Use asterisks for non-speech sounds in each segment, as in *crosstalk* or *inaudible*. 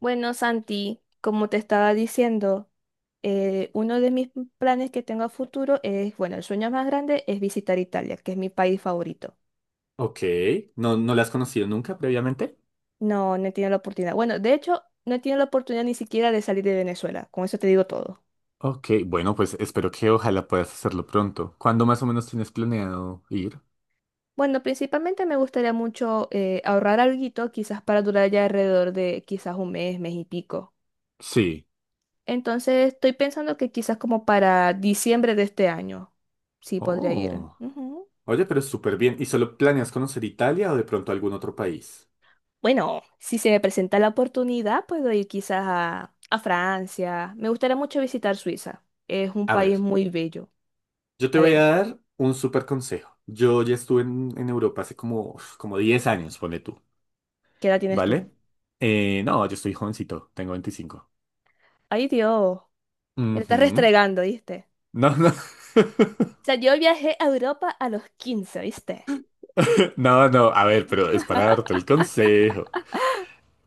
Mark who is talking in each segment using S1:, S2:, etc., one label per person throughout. S1: Bueno, Santi, como te estaba diciendo, uno de mis planes que tengo a futuro es, bueno, el sueño más grande es visitar Italia, que es mi país favorito.
S2: Ok, ¿no la has conocido nunca previamente?
S1: No, no he tenido la oportunidad. Bueno, de hecho, no he tenido la oportunidad ni siquiera de salir de Venezuela. Con eso te digo todo.
S2: Ok, bueno, pues espero que ojalá puedas hacerlo pronto. ¿Cuándo más o menos tienes planeado ir?
S1: Bueno, principalmente me gustaría mucho ahorrar alguito, quizás para durar ya alrededor de quizás un mes, mes y pico.
S2: Sí.
S1: Entonces, estoy pensando que quizás como para diciembre de este año, sí podría ir.
S2: Oh,
S1: Ujú.
S2: oye, pero súper bien. ¿Y solo planeas conocer Italia o de pronto algún otro país?
S1: Bueno, si se me presenta la oportunidad, puedo ir quizás a Francia. Me gustaría mucho visitar Suiza. Es un
S2: A ver,
S1: país muy bello.
S2: yo te
S1: A
S2: voy
S1: ver,
S2: a dar un súper consejo. Yo ya estuve en Europa hace como, uf, como 10 años, pone tú,
S1: ¿qué edad tienes tú?
S2: ¿vale? No, yo estoy jovencito, tengo 25.
S1: Ay, Dios, me la estás
S2: Ujú.
S1: restregando, ¿viste?
S2: No, no. *laughs*
S1: O sea, yo viajé a Europa a los 15, ¿viste?
S2: No, no, a ver, pero es para darte el consejo.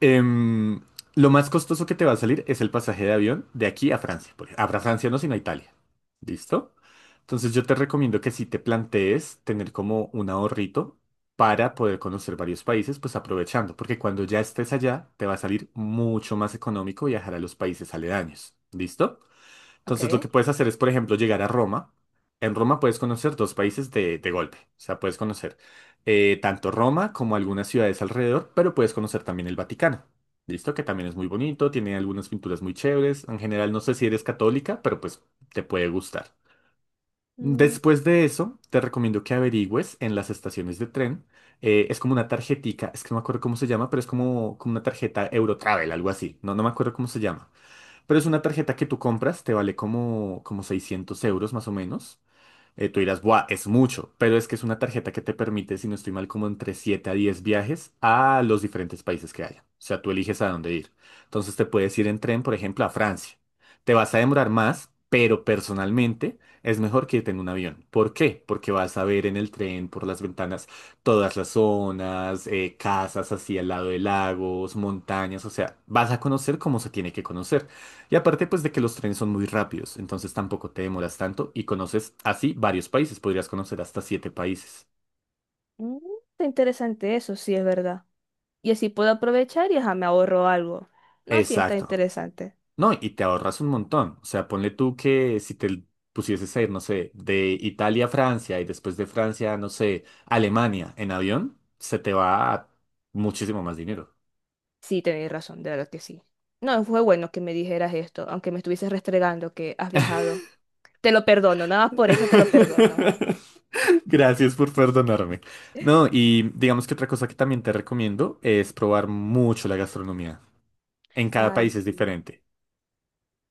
S2: Em, lo más costoso que te va a salir es el pasaje de avión de aquí a Francia. A Francia no, sino a Italia. ¿Listo? Entonces yo te recomiendo que si te plantees tener como un ahorrito para poder conocer varios países, pues aprovechando, porque cuando ya estés allá, te va a salir mucho más económico viajar a los países aledaños. ¿Listo?
S1: Ok.
S2: Entonces lo que puedes hacer es, por ejemplo, llegar a Roma. En Roma puedes conocer dos países de golpe. O sea, puedes conocer tanto Roma como algunas ciudades alrededor, pero puedes conocer también el Vaticano. ¿Listo? Que también es muy bonito, tiene algunas pinturas muy chéveres. En general, no sé si eres católica, pero pues te puede gustar.
S1: Mm,
S2: Después de eso, te recomiendo que averigües en las estaciones de tren. Es como una tarjetica, es que no me acuerdo cómo se llama, pero es como, como una tarjeta Eurotravel, algo así. No, no me acuerdo cómo se llama. Pero es una tarjeta que tú compras, te vale como, como 600 € más o menos. Tú dirás, ¡buah! Es mucho, pero es que es una tarjeta que te permite, si no estoy mal, como entre 7 a 10 viajes a los diferentes países que haya. O sea, tú eliges a dónde ir. Entonces te puedes ir en tren, por ejemplo, a Francia. Te vas a demorar más, pero personalmente es mejor que irte en un avión. ¿Por qué? Porque vas a ver en el tren, por las ventanas, todas las zonas, casas así al lado de lagos, montañas, o sea, vas a conocer cómo se tiene que conocer. Y aparte, pues de que los trenes son muy rápidos, entonces tampoco te demoras tanto y conoces así varios países, podrías conocer hasta 7 países.
S1: mm, está interesante eso, sí es verdad. Y así puedo aprovechar y ajá, me ahorro algo. No, sí está
S2: Exacto.
S1: interesante.
S2: No, y te ahorras un montón. O sea, ponle tú que si te pusieses a ir, no sé, de Italia a Francia y después de Francia, no sé, Alemania en avión, se te va a muchísimo más dinero.
S1: Sí, tenéis razón, de verdad que sí. No, fue bueno que me dijeras esto, aunque me estuvieses restregando que has viajado. Te lo perdono, nada más por eso te lo perdono.
S2: *laughs* Gracias por perdonarme. No, y digamos que otra cosa que también te recomiendo es probar mucho la gastronomía. En cada
S1: Ay,
S2: país es
S1: sí.
S2: diferente.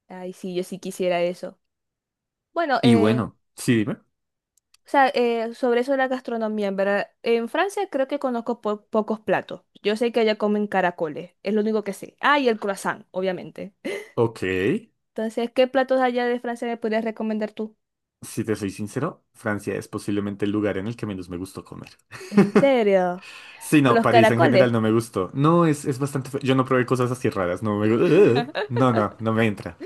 S1: Ay, sí, yo sí quisiera eso. Bueno,
S2: Y bueno, sí, dime.
S1: o sea, sobre eso de la gastronomía, en verdad, en Francia creo que conozco pocos platos. Yo sé que allá comen caracoles, es lo único que sé. Ah, y el croissant, obviamente. *laughs*
S2: Ok,
S1: Entonces, ¿qué platos allá de Francia me podrías recomendar tú?
S2: si te soy sincero, Francia es posiblemente el lugar en el que menos me gustó comer.
S1: ¿En serio?
S2: Sí,
S1: ¿Por
S2: no,
S1: los
S2: París en
S1: caracoles?
S2: general no me gustó. No, es bastante... fe- Yo no probé cosas así raras, no me... gu- *laughs*
S1: *laughs*
S2: no me entra.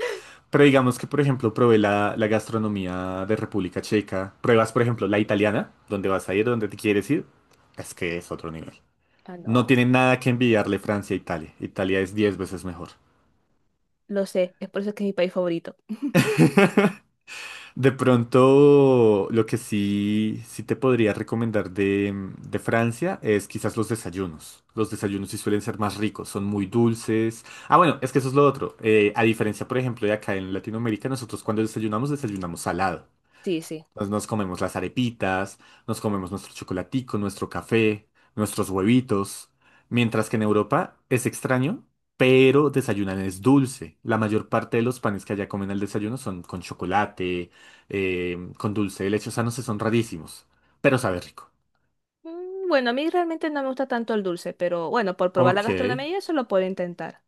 S2: Pero digamos que, por ejemplo, probé la gastronomía de República Checa. Pruebas, por ejemplo, la italiana, donde vas a ir, donde te quieres ir. Es que es otro nivel.
S1: Ah,
S2: No
S1: no,
S2: tiene nada que envidiarle Francia a Italia. Italia es 10 veces mejor.
S1: lo sé, es por eso que es mi país favorito.
S2: De pronto, lo que sí, sí te podría recomendar de Francia es quizás los desayunos. Los desayunos sí suelen ser más ricos, son muy dulces. Ah, bueno, es que eso es lo otro. A diferencia, por ejemplo, de acá en Latinoamérica, nosotros cuando desayunamos, desayunamos salado.
S1: Sí, sí.
S2: Nos comemos las arepitas, nos comemos nuestro chocolatico, nuestro café, nuestros huevitos. Mientras que en Europa es extraño, pero desayunan es dulce. La mayor parte de los panes que allá comen al desayuno son con chocolate, con dulce de leche. O sea, no sé, son rarísimos, pero sabe rico.
S1: Mm. Bueno, a mí realmente no me gusta tanto el dulce, pero bueno, por probar la
S2: Ok.
S1: gastronomía y eso lo puedo intentar.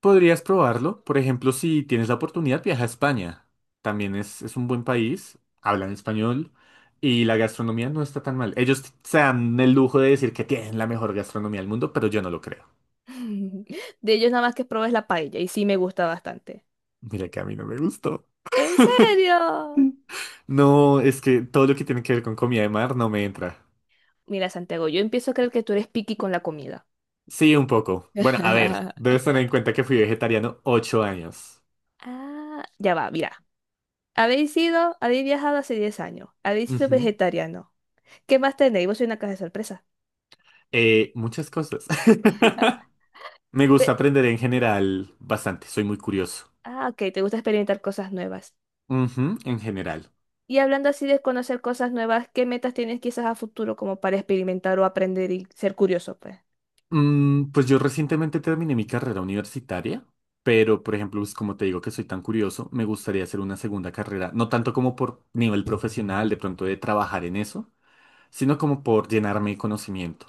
S2: Podrías probarlo. Por ejemplo, si tienes la oportunidad, viaja a España. También es un buen país, hablan español y la gastronomía no está tan mal. Ellos t- se dan el lujo de decir que tienen la mejor gastronomía del mundo, pero yo no lo creo.
S1: *laughs* De ellos nada más que probé es la paella y sí me gusta bastante.
S2: Mira que a mí no me gustó.
S1: ¿En
S2: *laughs*
S1: serio?
S2: No, es que todo lo que tiene que ver con comida de mar no me entra.
S1: Mira, Santiago, yo empiezo a creer que tú eres picky con la comida.
S2: Sí, un poco. Bueno, a ver,
S1: *laughs*
S2: debes tener en cuenta que fui vegetariano 8 años.
S1: Ah, ya va, mira. Habéis sido, habéis viajado hace 10 años, habéis sido
S2: Ujú.
S1: vegetariano. ¿Qué más tenéis? Vos sois una caja de sorpresa.
S2: Muchas cosas. *laughs* Me gusta
S1: Pe-
S2: aprender en general bastante, soy muy curioso.
S1: Ah, ok, te gusta experimentar cosas nuevas.
S2: Ujú, en general.
S1: Y hablando así de conocer cosas nuevas, ¿qué metas tienes quizás a futuro como para experimentar o aprender y ser curioso, pues?
S2: Pues yo recientemente terminé mi carrera universitaria, pero por ejemplo, pues, como te digo que soy tan curioso, me gustaría hacer una segunda carrera, no tanto como por nivel profesional, de pronto de trabajar en eso, sino como por llenarme de conocimiento,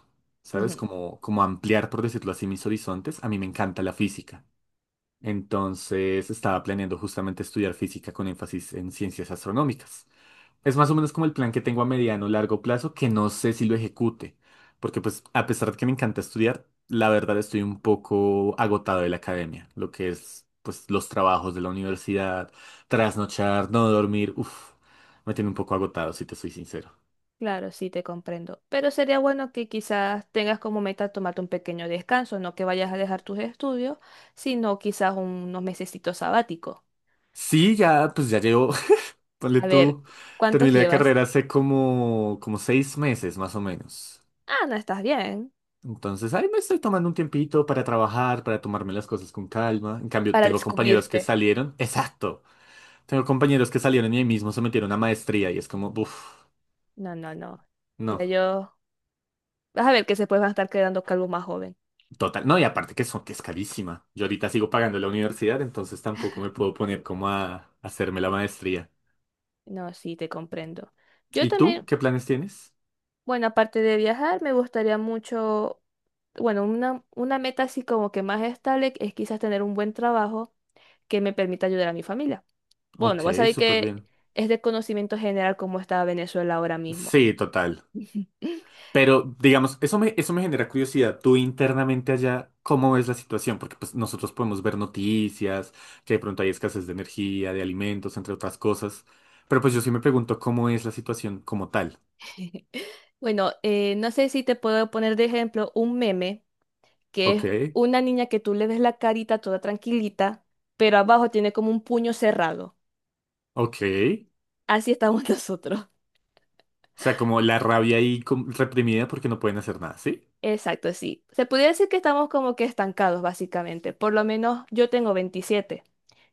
S1: Ujú.
S2: ¿sabes? Como ampliar, por decirlo así, mis horizontes. A mí me encanta la física. Entonces estaba planeando justamente estudiar física con énfasis en ciencias astronómicas. Es más o menos como el plan que tengo a mediano o largo plazo, que no sé si lo ejecute, porque pues a pesar de que me encanta estudiar, la verdad estoy un poco agotado de la academia, lo que es pues los trabajos de la universidad, trasnochar, no dormir, uff, me tiene un poco agotado, si te soy sincero.
S1: Claro, sí, te comprendo. Pero sería bueno que quizás tengas como meta tomarte un pequeño descanso, no que vayas a dejar tus estudios, sino quizás unos mesecitos sabáticos.
S2: Sí, ya pues ya llevo, *laughs* ponle
S1: A ver,
S2: tú,
S1: ¿cuántos
S2: terminé la
S1: llevas?
S2: carrera hace como, como 6 meses más o menos.
S1: Ah, no estás bien.
S2: Entonces, ahí me estoy tomando un tiempito para trabajar, para tomarme las cosas con calma. En cambio,
S1: Para
S2: tengo compañeros que
S1: descubrirte.
S2: salieron. Exacto. Tengo compañeros que salieron y ahí mismo se metieron a maestría y es como, uff,
S1: No, no, no. Ya
S2: no,
S1: yo. Vas a ver que se pueden estar quedando calvo más joven.
S2: total. No, y aparte que son, que es carísima. Yo ahorita sigo pagando la universidad, entonces tampoco me puedo poner como a hacerme la maestría.
S1: No, sí, te comprendo. Yo
S2: ¿Y tú?
S1: también.
S2: ¿Qué planes tienes?
S1: Bueno, aparte de viajar, me gustaría mucho, bueno, una meta así como que más estable es quizás tener un buen trabajo que me permita ayudar a mi familia. Bueno,
S2: Ok,
S1: vos sabés
S2: súper
S1: que
S2: bien.
S1: es de conocimiento general cómo está Venezuela ahora mismo.
S2: Sí, total.
S1: *laughs*
S2: Pero digamos, eso me genera curiosidad. Tú internamente allá, ¿cómo ves la situación? Porque pues nosotros podemos ver noticias, que de pronto hay escasez de energía, de alimentos, entre otras cosas. Pero pues yo sí me pregunto cómo es la situación como tal.
S1: Bueno, no sé si te puedo poner de ejemplo un meme que
S2: Ok.
S1: es una niña que tú le ves la carita toda tranquilita, pero abajo tiene como un puño cerrado.
S2: Ok. O
S1: Así estamos *laughs* nosotros.
S2: sea, como la rabia ahí com- reprimida porque no pueden hacer nada, ¿sí?
S1: Exacto, sí. Se podría decir que estamos como que estancados, básicamente. Por lo menos yo tengo 27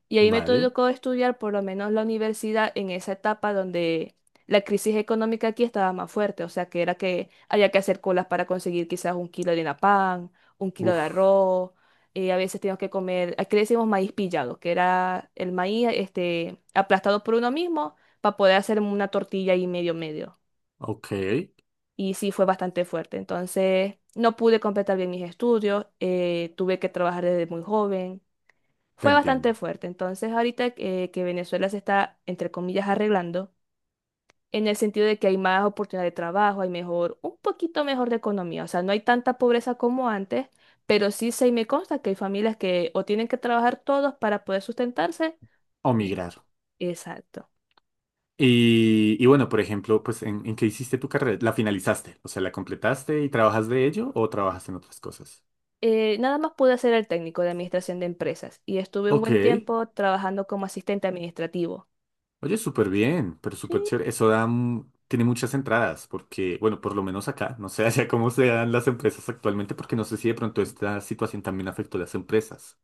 S1: y ahí me
S2: Vale.
S1: tocó estudiar por lo menos la universidad en esa etapa donde la crisis económica aquí estaba más fuerte, o sea que era que había que hacer colas para conseguir quizás un kilo de harina pan, un kilo de
S2: Uf.
S1: arroz, a veces teníamos que comer, aquí le decimos maíz pillado, que era el maíz este, aplastado por uno mismo para poder hacer una tortilla y medio medio
S2: Ok.
S1: y sí fue bastante fuerte. Entonces, no pude completar bien mis estudios, tuve que trabajar desde muy joven.
S2: Te
S1: Fue bastante
S2: entiendo.
S1: fuerte. Entonces, ahorita que Venezuela se está, entre comillas, arreglando, en el sentido de que hay más oportunidad de trabajo, hay mejor, un poquito mejor de economía. O sea, no hay tanta pobreza como antes, pero sí se me consta que hay familias que o tienen que trabajar todos para poder sustentarse.
S2: O migrar.
S1: Exacto.
S2: Y bueno, por ejemplo, pues, en qué hiciste tu carrera? ¿La finalizaste? O sea, ¿la completaste y trabajas de ello o trabajas en otras cosas?
S1: Nada más pude ser el técnico de administración de empresas y estuve un
S2: Ok.
S1: buen tiempo trabajando como asistente administrativo.
S2: Oye, súper bien, pero súper
S1: Sí,
S2: chévere. Eso da, mm, tiene muchas entradas porque, bueno, por lo menos acá, no sé *laughs* allá cómo se dan las empresas actualmente porque no sé si de pronto esta situación también afectó a las empresas.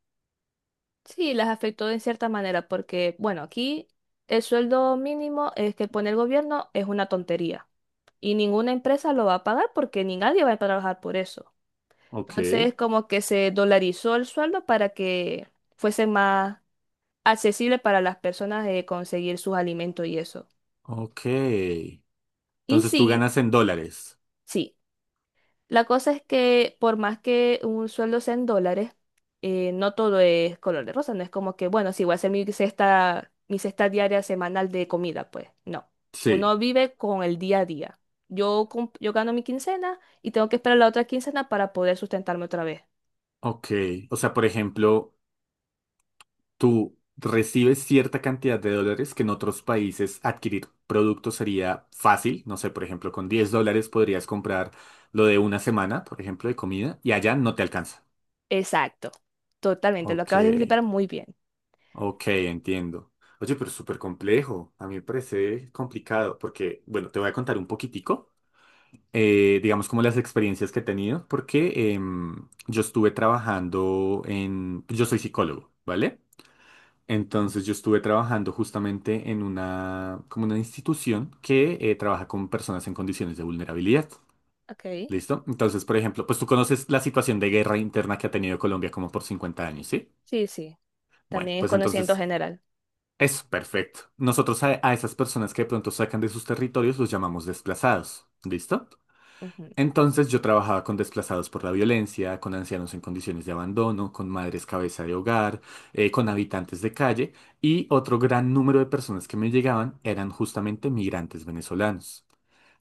S1: sí, las afectó en cierta manera porque, bueno, aquí el sueldo mínimo es que pone el gobierno es una tontería y ninguna empresa lo va a pagar porque ni nadie va a trabajar por eso.
S2: Ok.
S1: Entonces, como que se dolarizó el sueldo para que fuese más accesible para las personas de conseguir sus alimentos y eso.
S2: Ok.
S1: Y
S2: Entonces tú
S1: sí,
S2: ganas en dólares.
S1: sí. La cosa es que por más que un sueldo sea en dólares, no todo es color de rosa, no es como que, bueno, sí, voy a hacer mi cesta diaria semanal de comida, pues no.
S2: Sí,
S1: Uno vive con el día a día. Yo, yo gano mi quincena y tengo que esperar la otra quincena para poder sustentarme otra vez.
S2: ok. O sea, por ejemplo, tú recibes cierta cantidad de dólares que en otros países adquirir productos sería fácil. No sé, por ejemplo, con 10 dólares podrías comprar lo de una semana, por ejemplo, de comida, y allá no te alcanza.
S1: Exacto, totalmente, lo
S2: Ok,
S1: acabas de explicar muy bien.
S2: ok, entiendo. Oye, pero es súper complejo. A mí me parece complicado porque, bueno, te voy a contar un poquitico. Digamos, como las experiencias que he tenido, porque yo estuve trabajando en, yo soy psicólogo, ¿vale? Entonces yo estuve trabajando justamente en una, como una institución que trabaja con personas en condiciones de vulnerabilidad.
S1: Ok,
S2: ¿Listo? Entonces, por ejemplo, pues tú conoces la situación de guerra interna que ha tenido Colombia como por 50 años, ¿sí?
S1: sí, sí,
S2: Bueno,
S1: también es
S2: pues
S1: conocimiento
S2: entonces
S1: general.
S2: es perfecto. Nosotros a esas personas que de pronto sacan de sus territorios los llamamos desplazados. ¿Listo?
S1: Ujú.
S2: Entonces yo trabajaba con desplazados por la violencia, con ancianos en condiciones de abandono, con madres cabeza de hogar, con habitantes de calle y otro gran número de personas que me llegaban eran justamente migrantes venezolanos.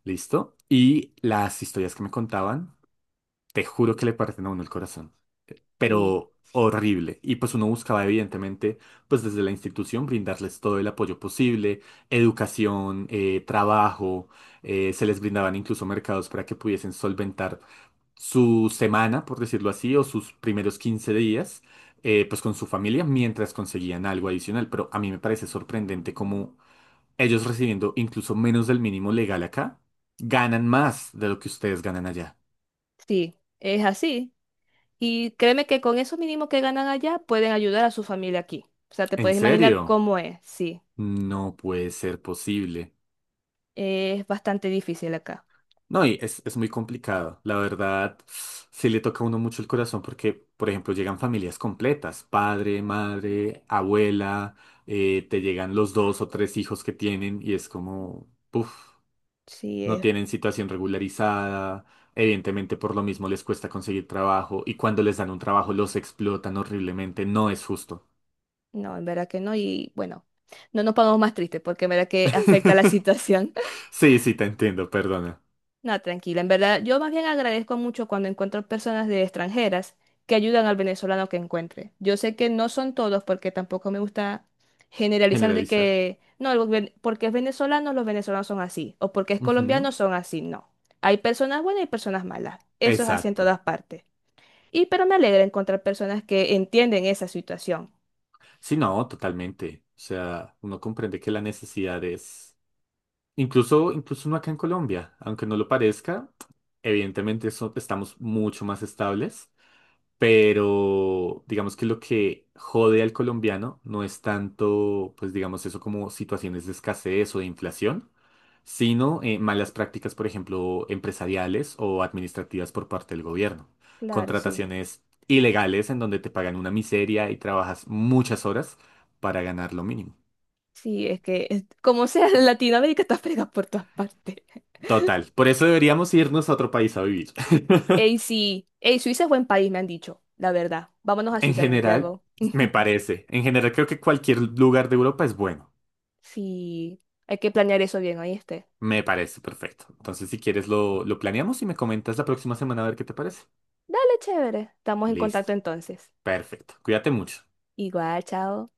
S2: ¿Listo? Y las historias que me contaban, te juro que le parten a uno el corazón,
S1: Y
S2: pero horrible. Y pues uno buscaba evidentemente, pues desde la institución, brindarles todo el apoyo posible, educación, trabajo, se les brindaban incluso mercados para que pudiesen solventar su semana, por decirlo así, o sus primeros 15 días, pues con su familia mientras conseguían algo adicional. Pero a mí me parece sorprendente cómo ellos recibiendo incluso menos del mínimo legal acá, ganan más de lo que ustedes ganan allá.
S1: sí, es así. Y créeme que con eso mínimo que ganan allá pueden ayudar a su familia aquí. O sea, te
S2: ¿En
S1: puedes imaginar
S2: serio?
S1: cómo es, sí.
S2: No puede ser posible.
S1: Es bastante difícil acá.
S2: No, y es muy complicado. La verdad, sí le toca a uno mucho el corazón porque, por ejemplo, llegan familias completas, padre, madre, abuela, te llegan los dos o tres hijos que tienen y es como, puff,
S1: Sí,
S2: no
S1: es.
S2: tienen situación regularizada, evidentemente por lo mismo les cuesta conseguir trabajo y cuando les dan un trabajo los explotan horriblemente, no es justo.
S1: No, en verdad que no. Y bueno, no nos pongamos más tristes porque en verdad que afecta la *laughs*
S2: *laughs*
S1: situación.
S2: Sí, sí, te entiendo, perdona.
S1: No, tranquila, en verdad, yo más bien agradezco mucho cuando encuentro personas de extranjeras que ayudan al venezolano que encuentre. Yo sé que no son todos porque tampoco me gusta generalizar de
S2: Generalizar.
S1: que, no, el porque es venezolano, los venezolanos son así, o porque es
S2: Ujú,
S1: colombiano, son así, no. Hay personas buenas y personas malas, eso es así en
S2: Exacto.
S1: todas partes. Y pero me alegra encontrar personas que entienden esa situación.
S2: Sí, no, totalmente. O sea, uno comprende que la necesidad es, incluso, incluso uno acá en Colombia, aunque no lo parezca, evidentemente eso- estamos mucho más estables, pero digamos que lo que jode al colombiano no es tanto, pues digamos eso como situaciones de escasez o de inflación, sino malas prácticas, por ejemplo, empresariales o administrativas por parte del gobierno.
S1: Claro, sí,
S2: Contrataciones ilegales en donde te pagan una miseria y trabajas muchas horas para ganar lo mínimo.
S1: sí, es que como sea, *laughs* Latinoamérica está fregada por todas partes.
S2: Total, por eso deberíamos irnos a otro país a vivir. *laughs*
S1: Ey, sí. Ey, Suiza es buen país, me han dicho, la verdad. Vámonos a
S2: En
S1: Suiza,
S2: general,
S1: Santiago. *laughs*
S2: me parece. En general, creo que cualquier lugar de Europa es bueno.
S1: Sí, hay que planear eso bien, ¿oíste?
S2: Me parece perfecto. Entonces, si quieres, lo planeamos y me comentas la próxima semana a ver qué te parece.
S1: Dale, chévere. Estamos en
S2: Listo.
S1: contacto entonces.
S2: Perfecto. Cuídate mucho.
S1: Igual, chao.